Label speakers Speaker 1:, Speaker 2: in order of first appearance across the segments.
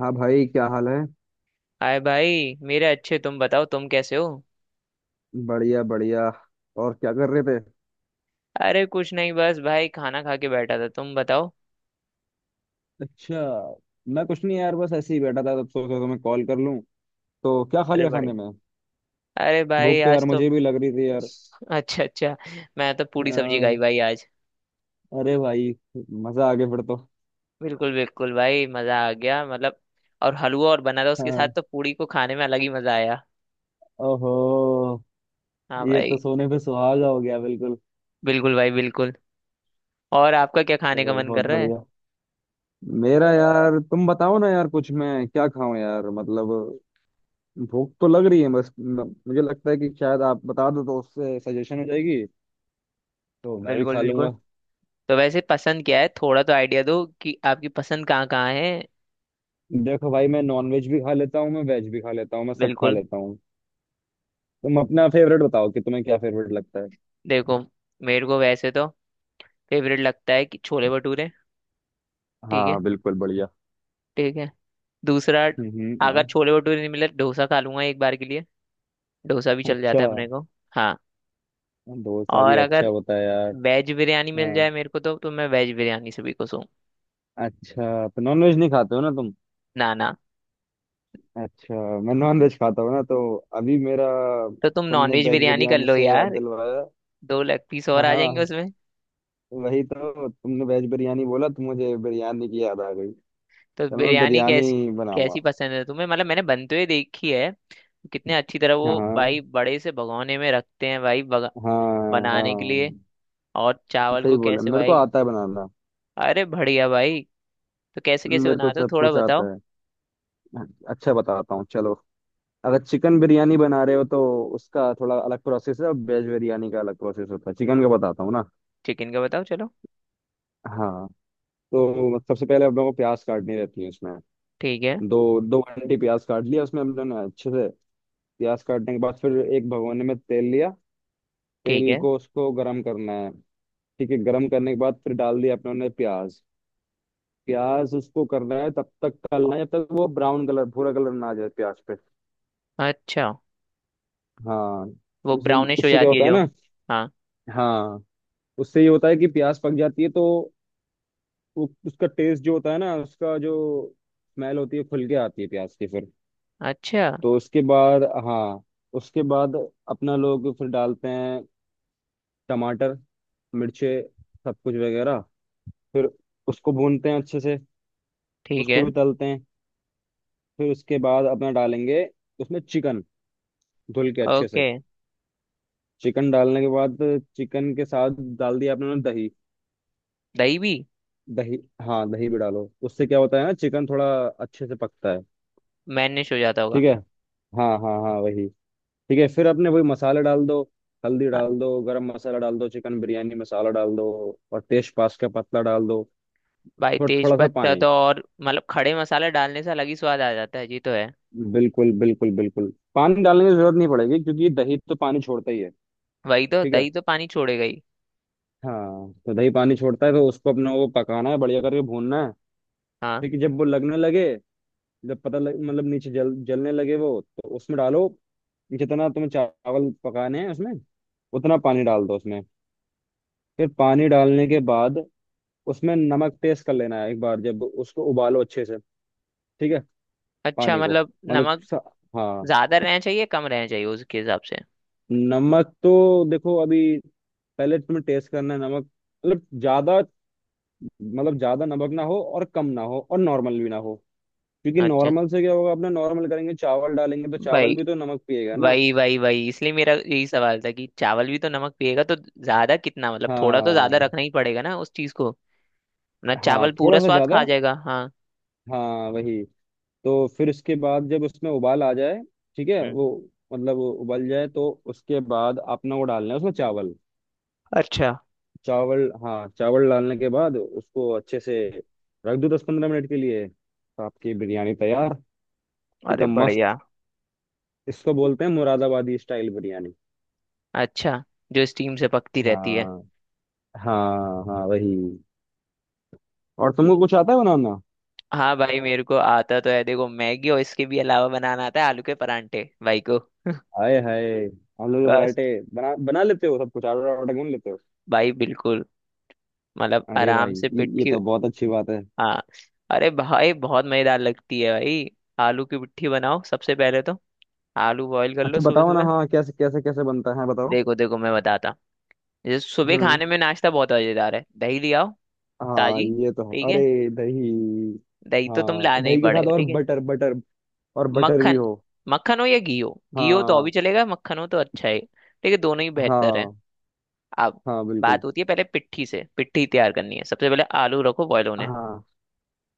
Speaker 1: हाँ भाई, क्या हाल है।
Speaker 2: हाय भाई मेरे अच्छे, तुम बताओ, तुम कैसे हो।
Speaker 1: बढ़िया बढ़िया। और क्या कर रहे थे।
Speaker 2: अरे कुछ नहीं, बस भाई खाना खा के बैठा था, तुम बताओ।
Speaker 1: अच्छा। मैं कुछ नहीं यार, बस ऐसे ही बैठा था, तब सोचा तो मैं कॉल कर लूं। तो क्या खा
Speaker 2: अरे
Speaker 1: लिया खाने
Speaker 2: बड़े,
Speaker 1: में।
Speaker 2: अरे भाई
Speaker 1: भूख तो यार
Speaker 2: आज तो
Speaker 1: मुझे भी लग रही थी यार।
Speaker 2: अच्छा अच्छा। मैं तो पूरी सब्जी खाई
Speaker 1: अ,
Speaker 2: भाई आज।
Speaker 1: अरे भाई, मजा आ गया फिर तो।
Speaker 2: बिल्कुल बिल्कुल भाई, मजा आ गया, मतलब और हलवा और बना था उसके साथ,
Speaker 1: हाँ।
Speaker 2: तो पूरी को खाने में अलग ही मजा आया।
Speaker 1: ओहो,
Speaker 2: हाँ
Speaker 1: ये
Speaker 2: भाई,
Speaker 1: तो सोने पे सुहागा हो गया बिल्कुल।
Speaker 2: बिल्कुल भाई, बिल्कुल। और आपका क्या खाने का
Speaker 1: तो
Speaker 2: मन
Speaker 1: बहुत
Speaker 2: कर रहा है।
Speaker 1: बढ़िया। मेरा यार तुम बताओ ना यार, कुछ मैं क्या खाऊं यार, मतलब भूख तो लग रही है बस। मुझे लगता है कि शायद आप बता दो तो उससे सजेशन हो जाएगी, तो मैं भी
Speaker 2: बिल्कुल
Speaker 1: खा
Speaker 2: बिल्कुल।
Speaker 1: लूंगा।
Speaker 2: तो वैसे पसंद क्या है, थोड़ा तो आइडिया दो कि आपकी पसंद कहाँ कहाँ है।
Speaker 1: देखो भाई, मैं नॉन वेज भी खा लेता हूँ, मैं वेज भी खा लेता हूँ, मैं सब खा
Speaker 2: बिल्कुल।
Speaker 1: लेता हूँ। तुम अपना फेवरेट बताओ कि तुम्हें क्या फेवरेट लगता है।
Speaker 2: देखो, मेरे को वैसे तो फेवरेट लगता है कि छोले भटूरे। ठीक
Speaker 1: हाँ
Speaker 2: है,
Speaker 1: बिल्कुल बढ़िया।
Speaker 2: ठीक है। दूसरा, अगर
Speaker 1: हाँ।
Speaker 2: छोले भटूरे नहीं मिले, डोसा खा लूंगा एक बार के लिए। डोसा भी चल जाता
Speaker 1: अच्छा।
Speaker 2: है अपने को। हाँ।
Speaker 1: डोसा भी
Speaker 2: और
Speaker 1: अच्छा
Speaker 2: अगर
Speaker 1: होता है यार।
Speaker 2: वेज बिरयानी मिल जाए
Speaker 1: हाँ।
Speaker 2: मेरे को, तो मैं वेज बिरयानी से भी खुश हूँ।
Speaker 1: अच्छा, तो नॉन वेज नहीं खाते हो ना तुम।
Speaker 2: ना ना।
Speaker 1: अच्छा। मैं नॉन वेज खाता हूँ ना तो अभी मेरा,
Speaker 2: तो तुम नॉन
Speaker 1: तुमने
Speaker 2: वेज
Speaker 1: वेज
Speaker 2: बिरयानी कर
Speaker 1: बिरयानी
Speaker 2: लो
Speaker 1: से याद
Speaker 2: यार,
Speaker 1: दिलवाया।
Speaker 2: दो लेग पीस और
Speaker 1: हाँ
Speaker 2: आ जाएंगे
Speaker 1: हाँ,
Speaker 2: उसमें।
Speaker 1: वही तो तुमने वेज बिरयानी बोला तो मुझे बिरयानी की याद आ गई।
Speaker 2: तो
Speaker 1: चलो मैं
Speaker 2: बिरयानी
Speaker 1: बिरयानी
Speaker 2: कैसी,
Speaker 1: बनाऊंगा।
Speaker 2: कैसी पसंद है तुम्हें, मतलब मैंने बनते हुए देखी है। कितने अच्छी तरह वो भाई
Speaker 1: हाँ
Speaker 2: बड़े से भगोने में रखते हैं भाई बगा-
Speaker 1: हाँ
Speaker 2: बनाने के लिए।
Speaker 1: हाँ,
Speaker 2: और चावल
Speaker 1: सही
Speaker 2: को
Speaker 1: बोले,
Speaker 2: कैसे
Speaker 1: मेरे को
Speaker 2: भाई।
Speaker 1: आता है बनाना।
Speaker 2: अरे बढ़िया भाई। तो कैसे कैसे
Speaker 1: मेरे को
Speaker 2: बनाते हो,
Speaker 1: सब
Speaker 2: थोड़ा
Speaker 1: कुछ
Speaker 2: बताओ।
Speaker 1: आता है। अच्छा बताता हूँ चलो। अगर चिकन बिरयानी बना रहे हो तो उसका थोड़ा अलग प्रोसेस है, और वेज बिरयानी का अलग प्रोसेस होता है। चिकन का बताता हूँ ना।
Speaker 2: चिकन का बताओ चलो।
Speaker 1: हाँ। तो सबसे पहले हम लोगों को प्याज काटनी रहती है उसमें।
Speaker 2: ठीक है,
Speaker 1: दो दो घंटे प्याज काट लिया उसमें हम लोग ने अच्छे से। प्याज काटने के बाद फिर एक भगोने में तेल लिया।
Speaker 2: ठीक
Speaker 1: तेल
Speaker 2: है।
Speaker 1: को, उसको गर्म करना है। ठीक है, गर्म करने के बाद फिर डाल दिया अपने ने प्याज। प्याज उसको करना है, तब तक तलना है जब तक वो ब्राउन कलर, भूरा कलर ना आ जाए प्याज पे।
Speaker 2: अच्छा,
Speaker 1: हाँ।
Speaker 2: वो ब्राउनिश हो
Speaker 1: उससे क्या
Speaker 2: जाती है
Speaker 1: होता है
Speaker 2: जो।
Speaker 1: ना।
Speaker 2: हाँ।
Speaker 1: हाँ। उससे ये होता है कि प्यास पक जाती है तो उसका टेस्ट जो होता है ना, उसका जो स्मेल होती है, खुल के आती है प्याज की फिर।
Speaker 2: अच्छा।
Speaker 1: तो उसके बाद, हाँ, उसके बाद अपना लोग फिर डालते हैं टमाटर, मिर्चे, सब कुछ वगैरह। फिर उसको भूनते हैं अच्छे से,
Speaker 2: ठीक है।
Speaker 1: उसको भी तलते हैं। फिर उसके बाद अपना डालेंगे उसमें चिकन, धुल के अच्छे से।
Speaker 2: ओके।
Speaker 1: चिकन डालने के बाद, चिकन के साथ डाल दिया अपने दही।
Speaker 2: दही भी?
Speaker 1: दही। हाँ दही भी डालो, उससे क्या होता है ना, चिकन थोड़ा अच्छे से पकता है।
Speaker 2: मैनिश हो जाता होगा।
Speaker 1: ठीक है, हाँ हाँ हाँ, वही। ठीक है, फिर अपने वही मसाले डाल दो, हल्दी
Speaker 2: हाँ।
Speaker 1: डाल दो, गरम मसाला डाल दो, चिकन बिरयानी मसाला डाल दो, और तेज पास का पत्ता डाल दो।
Speaker 2: भाई
Speaker 1: और
Speaker 2: तेज
Speaker 1: थोड़ा सा
Speaker 2: पत्ता
Speaker 1: पानी,
Speaker 2: तो, और मतलब खड़े मसाला डालने से अलग ही स्वाद आ जाता है जी तो है।
Speaker 1: बिल्कुल बिल्कुल बिल्कुल, पानी डालने की जरूरत नहीं पड़ेगी क्योंकि दही तो पानी छोड़ता ही है।
Speaker 2: वही तो,
Speaker 1: ठीक है,
Speaker 2: दही तो पानी छोड़ेगा ही।
Speaker 1: हाँ, तो दही पानी छोड़ता है तो उसको अपने को पकाना है, बढ़िया करके भूनना है।
Speaker 2: हाँ।
Speaker 1: ठीक है, जब वो लगने लगे, जब पता लग, मतलब नीचे जल, जलने लगे वो, तो उसमें डालो। जितना तुम्हें चावल पकाने हैं, उसमें उतना पानी डाल दो उसमें। फिर पानी डालने के बाद उसमें नमक टेस्ट कर लेना है एक बार, जब उसको उबालो अच्छे से। ठीक है,
Speaker 2: अच्छा
Speaker 1: पानी को,
Speaker 2: मतलब
Speaker 1: मतलब
Speaker 2: नमक
Speaker 1: हाँ।
Speaker 2: ज्यादा रहना चाहिए, कम रहना चाहिए, उसके हिसाब से।
Speaker 1: नमक तो देखो अभी, पहले तुम्हें टेस्ट करना है नमक। मतलब ज्यादा, मतलब ज्यादा नमक ना हो और कम ना हो और नॉर्मल भी ना हो। क्योंकि
Speaker 2: अच्छा।
Speaker 1: नॉर्मल से क्या होगा, अपने नॉर्मल करेंगे, चावल डालेंगे तो चावल
Speaker 2: भाई
Speaker 1: भी तो नमक पिएगा ना।
Speaker 2: वही वही वही इसलिए मेरा यही सवाल था कि चावल भी तो नमक पिएगा। तो ज्यादा कितना, मतलब थोड़ा तो ज्यादा
Speaker 1: हाँ
Speaker 2: रखना ही पड़ेगा ना उस चीज को, वरना
Speaker 1: हाँ,
Speaker 2: चावल पूरा
Speaker 1: थोड़ा सा
Speaker 2: स्वाद
Speaker 1: ज्यादा,
Speaker 2: खा जाएगा। हाँ।
Speaker 1: हाँ वही। तो फिर उसके बाद जब उसमें उबाल आ जाए, ठीक है
Speaker 2: हम्म।
Speaker 1: वो, मतलब वो उबल जाए, तो उसके बाद आपने वो डालना है उसमें चावल।
Speaker 2: अच्छा।
Speaker 1: चावल, हाँ चावल डालने के बाद उसको अच्छे से रख दो 10-15 मिनट के लिए, तो आपकी बिरयानी तैयार।
Speaker 2: अरे
Speaker 1: एकदम मस्त।
Speaker 2: बढ़िया।
Speaker 1: इसको बोलते हैं मुरादाबादी स्टाइल बिरयानी।
Speaker 2: अच्छा, जो स्टीम से पकती रहती है।
Speaker 1: हाँ हाँ हाँ, वही। और तुमको कुछ आता है बनाना।
Speaker 2: हाँ भाई, मेरे को आता तो है, देखो मैगी, और इसके भी अलावा बनाना आता है आलू के परांठे भाई को।
Speaker 1: हाय हाय, हम लोग
Speaker 2: बस
Speaker 1: वैरायटी बना, बना लेते हो सब कुछ, ऑर्डर ऑर्डर क्यों नहीं लेते हो।
Speaker 2: भाई, बिल्कुल। मतलब
Speaker 1: अरे
Speaker 2: आराम
Speaker 1: भाई,
Speaker 2: से
Speaker 1: ये
Speaker 2: पिट्ठी।
Speaker 1: तो बहुत अच्छी बात है।
Speaker 2: हाँ। अरे भाई बहुत मजेदार लगती है भाई। आलू की पिट्ठी बनाओ सबसे पहले तो। आलू बॉईल कर लो
Speaker 1: अच्छा
Speaker 2: सुबह
Speaker 1: बताओ ना,
Speaker 2: सुबह।
Speaker 1: हाँ, कैसे कैसे कैसे बनता है बताओ।
Speaker 2: देखो देखो मैं बताता, जैसे सुबह
Speaker 1: हम्म।
Speaker 2: खाने में नाश्ता बहुत मजेदार है, दही ले आओ
Speaker 1: हाँ
Speaker 2: ताजी।
Speaker 1: ये तो है।
Speaker 2: ठीक
Speaker 1: अरे,
Speaker 2: है।
Speaker 1: दही।
Speaker 2: दही तो तुम
Speaker 1: हाँ
Speaker 2: लाना ही
Speaker 1: दही के साथ,
Speaker 2: पड़ेगा,
Speaker 1: और
Speaker 2: ठीक है।
Speaker 1: बटर, बटर, और बटर भी
Speaker 2: मक्खन।
Speaker 1: हो।
Speaker 2: मक्खन हो या घी हो, घी हो तो और
Speaker 1: हाँ
Speaker 2: भी चलेगा, मक्खन हो तो अच्छा है, ठीक है, दोनों ही बेहतर है।
Speaker 1: हाँ
Speaker 2: अब
Speaker 1: हाँ,
Speaker 2: बात
Speaker 1: बिल्कुल।
Speaker 2: होती है, पहले पिट्ठी से पिट्ठी तैयार करनी है। सबसे पहले आलू रखो बॉयल होने।
Speaker 1: हाँ।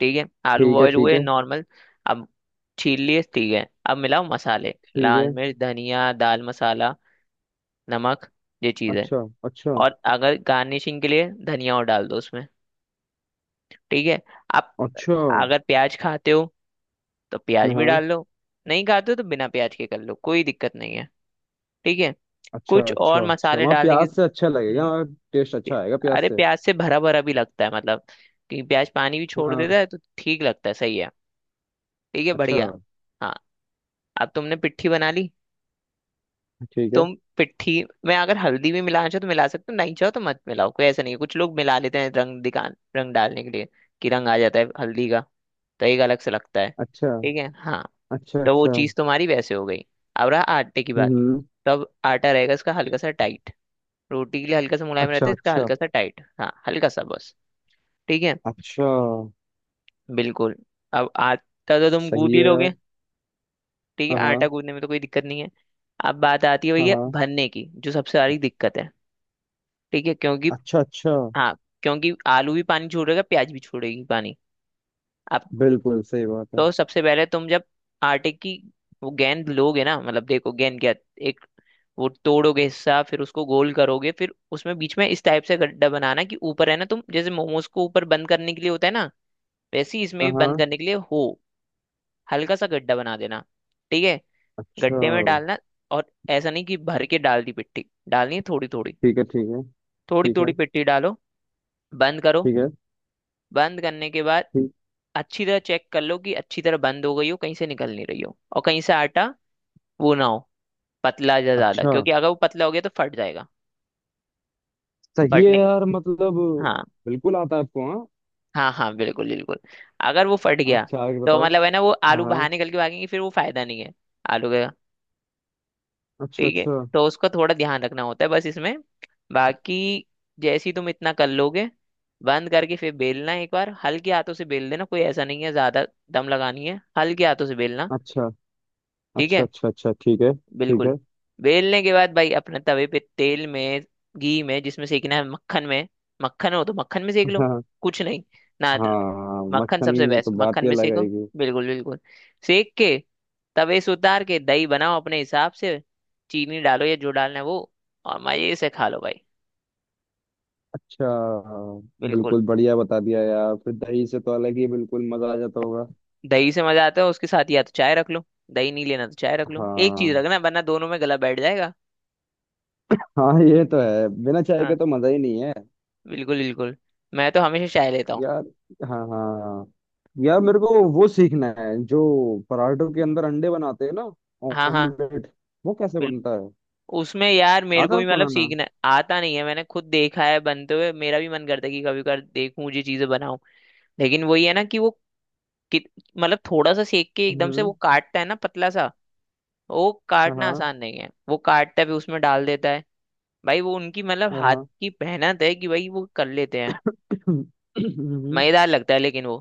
Speaker 2: ठीक है। आलू
Speaker 1: ठीक है
Speaker 2: बॉयल
Speaker 1: ठीक
Speaker 2: हुए
Speaker 1: है
Speaker 2: नॉर्मल। अब छील लिए। ठीक है, अब मिलाओ मसाले,
Speaker 1: ठीक
Speaker 2: लाल
Speaker 1: है।
Speaker 2: मिर्च, धनिया, दाल मसाला, नमक, ये चीज़ है।
Speaker 1: अच्छा अच्छा
Speaker 2: और अगर गार्निशिंग के लिए धनिया और डाल दो उसमें। ठीक है। आप
Speaker 1: अच्छा।
Speaker 2: अगर प्याज खाते हो तो प्याज भी डाल
Speaker 1: हाँ।
Speaker 2: लो, नहीं खाते हो तो बिना प्याज के कर लो, कोई दिक्कत नहीं है। ठीक है।
Speaker 1: अच्छा
Speaker 2: कुछ
Speaker 1: अच्छा
Speaker 2: और
Speaker 1: अच्छा,
Speaker 2: मसाले
Speaker 1: वहाँ
Speaker 2: डालने की,
Speaker 1: प्याज से अच्छा लगेगा।
Speaker 2: हम्म।
Speaker 1: टेस्ट अच्छा
Speaker 2: प्या-
Speaker 1: आएगा प्याज
Speaker 2: अरे
Speaker 1: से।
Speaker 2: प्याज से भरा भरा भी लगता है, मतलब कि प्याज पानी भी छोड़
Speaker 1: हाँ।
Speaker 2: देता है तो ठीक लगता है, सही है। ठीक है,
Speaker 1: अच्छा।
Speaker 2: बढ़िया। हाँ। अब तुमने पिट्ठी बना ली।
Speaker 1: ठीक है।
Speaker 2: तुम पिट्ठी में अगर हल्दी भी मिलाना चाहो तो मिला सकते हो, नहीं चाहो तो मत मिलाओ, कोई ऐसा नहीं है, कुछ लोग मिला लेते हैं रंग दिखा, रंग डालने के लिए, कि रंग आ जाता है हल्दी का, तो एक अलग से लगता है।
Speaker 1: अच्छा
Speaker 2: ठीक है हाँ।
Speaker 1: अच्छा
Speaker 2: तो वो
Speaker 1: अच्छा।
Speaker 2: चीज़ तुम्हारी वैसे हो गई। अब रहा आटे की बात।
Speaker 1: हम्म।
Speaker 2: तब आटा रहेगा इसका हल्का सा टाइट, रोटी के लिए हल्का सा मुलायम रहता
Speaker 1: अच्छा
Speaker 2: है, इसका
Speaker 1: अच्छा
Speaker 2: हल्का सा टाइट, हाँ हल्का सा बस। ठीक है,
Speaker 1: अच्छा।
Speaker 2: बिल्कुल। अब आटा तो तुम
Speaker 1: सही
Speaker 2: गूंद
Speaker 1: है
Speaker 2: ही
Speaker 1: यार।
Speaker 2: लोगे। ठीक है,
Speaker 1: हाँ
Speaker 2: आटा
Speaker 1: हाँ
Speaker 2: गूंदने में तो कोई दिक्कत नहीं है। अब बात आती है
Speaker 1: हाँ।
Speaker 2: भैया
Speaker 1: हाँ।
Speaker 2: भरने की, जो सबसे बड़ी दिक्कत है। ठीक है, क्योंकि,
Speaker 1: अच्छा अच्छा।
Speaker 2: हाँ, क्योंकि आलू भी पानी छोड़ेगा, प्याज भी छोड़ेगी पानी। अब
Speaker 1: बिल्कुल सही बात है।
Speaker 2: तो सबसे पहले तुम जब आटे की वो गेंद लोगे ना, मतलब देखो गेंद क्या, एक वो तोड़ोगे हिस्सा, फिर उसको गोल करोगे, फिर उसमें बीच में इस टाइप से गड्ढा बनाना कि ऊपर है ना, तुम जैसे मोमोज को ऊपर बंद करने के लिए होता है ना, वैसे ही इसमें भी
Speaker 1: हाँ
Speaker 2: बंद
Speaker 1: हाँ।
Speaker 2: करने के लिए हो, हल्का सा गड्ढा बना देना। ठीक है।
Speaker 1: अच्छा।
Speaker 2: गड्ढे में डालना, और ऐसा नहीं कि भर के डाल दी, पिट्टी डालनी है थोड़ी थोड़ी।
Speaker 1: ठीक है ठीक है
Speaker 2: थोड़ी
Speaker 1: ठीक है
Speaker 2: थोड़ी पिट्टी डालो, बंद करो।
Speaker 1: ठीक है।
Speaker 2: बंद करने के बाद
Speaker 1: ठीक।
Speaker 2: अच्छी तरह चेक कर लो कि अच्छी तरह बंद हो गई हो, कहीं से निकल नहीं रही हो, और कहीं से आटा वो ना हो पतला जा ज्यादा,
Speaker 1: अच्छा।
Speaker 2: क्योंकि अगर वो पतला हो गया तो फट जाएगा।
Speaker 1: सही है
Speaker 2: फटने,
Speaker 1: यार, मतलब
Speaker 2: हाँ
Speaker 1: बिल्कुल आता है आपको हाँ।
Speaker 2: हाँ हाँ, बिल्कुल बिल्कुल। अगर वो फट गया
Speaker 1: अच्छा, आगे
Speaker 2: तो
Speaker 1: बताओ।
Speaker 2: मतलब है ना वो
Speaker 1: हाँ
Speaker 2: आलू
Speaker 1: हाँ।
Speaker 2: बाहर निकल के भागेंगे, फिर वो फायदा नहीं है आलू का।
Speaker 1: अच्छा
Speaker 2: ठीक है।
Speaker 1: अच्छा
Speaker 2: तो उसका थोड़ा ध्यान रखना होता है बस इसमें, बाकी जैसी तुम इतना कर लोगे, बंद करके फिर बेलना, एक बार हल्के हाथों से बेल देना, कोई ऐसा नहीं है ज्यादा दम लगानी है, हल्के हाथों से बेलना।
Speaker 1: अच्छा
Speaker 2: ठीक
Speaker 1: अच्छा
Speaker 2: है,
Speaker 1: अच्छा अच्छा। ठीक है ठीक
Speaker 2: बिल्कुल।
Speaker 1: है।
Speaker 2: बेलने के बाद भाई अपने तवे पे तेल में, घी में, जिसमें सेकना है, मक्खन में, मक्खन हो तो मक्खन में सेक लो,
Speaker 1: हाँ,
Speaker 2: कुछ नहीं ना,
Speaker 1: हाँ
Speaker 2: मक्खन
Speaker 1: मक्खन
Speaker 2: सबसे
Speaker 1: में तो
Speaker 2: बेस्ट,
Speaker 1: बात
Speaker 2: मक्खन
Speaker 1: ही
Speaker 2: में
Speaker 1: अलग
Speaker 2: सेको।
Speaker 1: आएगी।
Speaker 2: बिल्कुल बिल्कुल। सेक के तवे से उतार के दही बनाओ अपने हिसाब से, चीनी डालो या जो डालना है वो, और मजे से खा लो भाई।
Speaker 1: अच्छा।
Speaker 2: बिल्कुल।
Speaker 1: बिल्कुल बढ़िया बता दिया यार, फिर दही से तो अलग ही बिल्कुल मजा आ जाता होगा।
Speaker 2: दही से मजा आता है उसके साथ, या तो चाय रख लो, दही नहीं लेना तो चाय रख लो, एक चीज
Speaker 1: हाँ।
Speaker 2: रखना, वरना दोनों में गला बैठ जाएगा।
Speaker 1: हाँ ये तो है, बिना चाय के
Speaker 2: हाँ,
Speaker 1: तो मजा ही नहीं है।
Speaker 2: बिल्कुल बिल्कुल। मैं तो हमेशा चाय लेता हूँ।
Speaker 1: यार, हाँ हाँ हाँ। यार मेरे को वो सीखना है, जो पराठों के अंदर अंडे बनाते हैं ना,
Speaker 2: हाँ हाँ
Speaker 1: ऑमलेट, वो कैसे
Speaker 2: बिल्कुल।
Speaker 1: बनता है।
Speaker 2: उसमें यार मेरे
Speaker 1: आता
Speaker 2: को
Speaker 1: है
Speaker 2: भी
Speaker 1: आपको
Speaker 2: मतलब
Speaker 1: बनाना।
Speaker 2: सीखना आता नहीं है, मैंने खुद देखा है बनते हुए, मेरा भी मन करता है कि कभी कभार देखूं, ये चीजें बनाऊं, लेकिन वही है ना कि वो कित- मतलब थोड़ा सा सेक के एकदम से वो
Speaker 1: हम्म।
Speaker 2: काटता है ना पतला सा। वो
Speaker 1: हाँ
Speaker 2: काटना
Speaker 1: हाँ।
Speaker 2: आसान नहीं है, वो काटता है फिर उसमें डाल देता है। भाई वो उनकी मतलब हाथ
Speaker 1: हाँ।
Speaker 2: की मेहनत है कि भाई वो कर लेते हैं।
Speaker 1: हम्म,
Speaker 2: मजेदार लगता है लेकिन वो,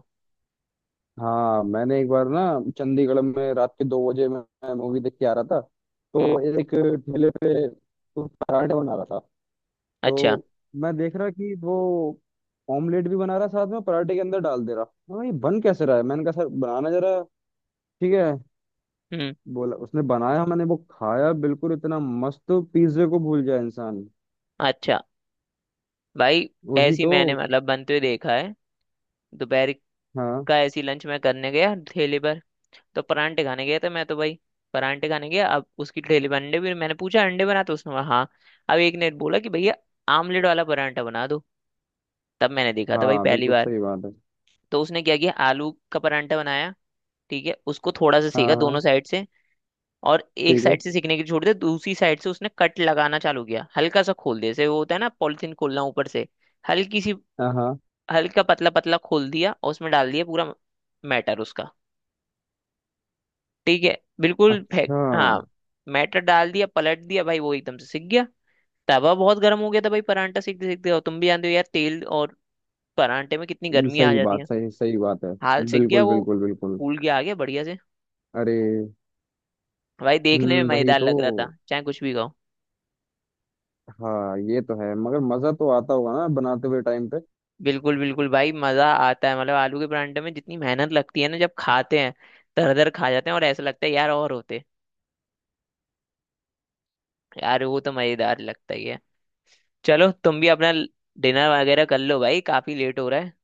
Speaker 1: हाँ मैंने एक बार ना, चंडीगढ़ में रात के 2 बजे मैं मूवी देख के आ रहा था, तो
Speaker 2: हम्म।
Speaker 1: एक ठेले पे वो पराठे बना रहा था।
Speaker 2: अच्छा।
Speaker 1: तो मैं देख रहा कि वो ऑमलेट भी बना रहा, साथ में पराठे के अंदर डाल दे रहा। मैं, ये बन कैसे रहा है, मैंने कहा सर बनाना जरा। ठीक है,
Speaker 2: हम्म।
Speaker 1: बोला उसने, बनाया, मैंने वो खाया, बिल्कुल इतना मस्त, पिज्जे को भूल जाए इंसान।
Speaker 2: अच्छा भाई,
Speaker 1: वही
Speaker 2: ऐसी
Speaker 1: तो।
Speaker 2: मैंने मतलब बनते हुए देखा है। दोपहर
Speaker 1: हाँ
Speaker 2: का ऐसी लंच मैं करने गया ठेले पर, तो परांठे खाने गया था मैं तो भाई, परांठे खाने गया, अब उसकी ठेली पर अंडे भी, मैंने पूछा अंडे बना, तो उसने बोला हाँ। अब एक ने बोला कि भैया आमलेट वाला परांठा बना दो, तब मैंने देखा था भाई
Speaker 1: हाँ,
Speaker 2: पहली
Speaker 1: बिल्कुल
Speaker 2: बार।
Speaker 1: सही बात है।
Speaker 2: तो उसने क्या किया, आलू का परांठा बनाया, ठीक है, उसको थोड़ा सा
Speaker 1: हाँ
Speaker 2: सेका दोनों
Speaker 1: हाँ।
Speaker 2: साइड से, और एक
Speaker 1: ठीक है।
Speaker 2: साइड से सेकने की छोड़ दिया, दूसरी साइड से उसने कट लगाना चालू किया, हल्का सा खोल दिया जैसे वो होता है ना पॉलिथीन खोलना ऊपर से, हल्की सी,
Speaker 1: हाँ हाँ।
Speaker 2: हल्का पतला पतला खोल दिया, और उसमें डाल दिया पूरा मैटर उसका। ठीक है बिल्कुल फेंक,
Speaker 1: अच्छा।
Speaker 2: हाँ, मैटर डाल दिया, पलट दिया भाई, वो एकदम से सिक गया। तवा बहुत गर्म हो गया था भाई परांठा सिकते सिकते, और तुम भी जानते हो यार तेल और परांठे में कितनी
Speaker 1: ये
Speaker 2: गर्मी आ
Speaker 1: सही
Speaker 2: जाती
Speaker 1: बात,
Speaker 2: है।
Speaker 1: सही सही बात है।
Speaker 2: हाल सिक गया
Speaker 1: बिल्कुल
Speaker 2: वो,
Speaker 1: बिल्कुल बिल्कुल।
Speaker 2: फूल गया, आ गया बढ़िया से।
Speaker 1: अरे।
Speaker 2: भाई देखने
Speaker 1: हम्म,
Speaker 2: में
Speaker 1: वही
Speaker 2: मजेदार
Speaker 1: तो।
Speaker 2: लग रहा था, चाहे कुछ भी खाओ।
Speaker 1: हाँ ये तो है, मगर मजा तो आता होगा ना बनाते हुए टाइम पे।
Speaker 2: बिल्कुल बिल्कुल भाई, मजा आता है। मतलब आलू के परांठे में जितनी मेहनत लगती है ना, जब खाते हैं दर दर खा जाते हैं, और ऐसा लगता है यार और होते, यार वो तो मजेदार लगता ही है। चलो तुम भी अपना डिनर वगैरह कर लो भाई, काफी लेट हो रहा है।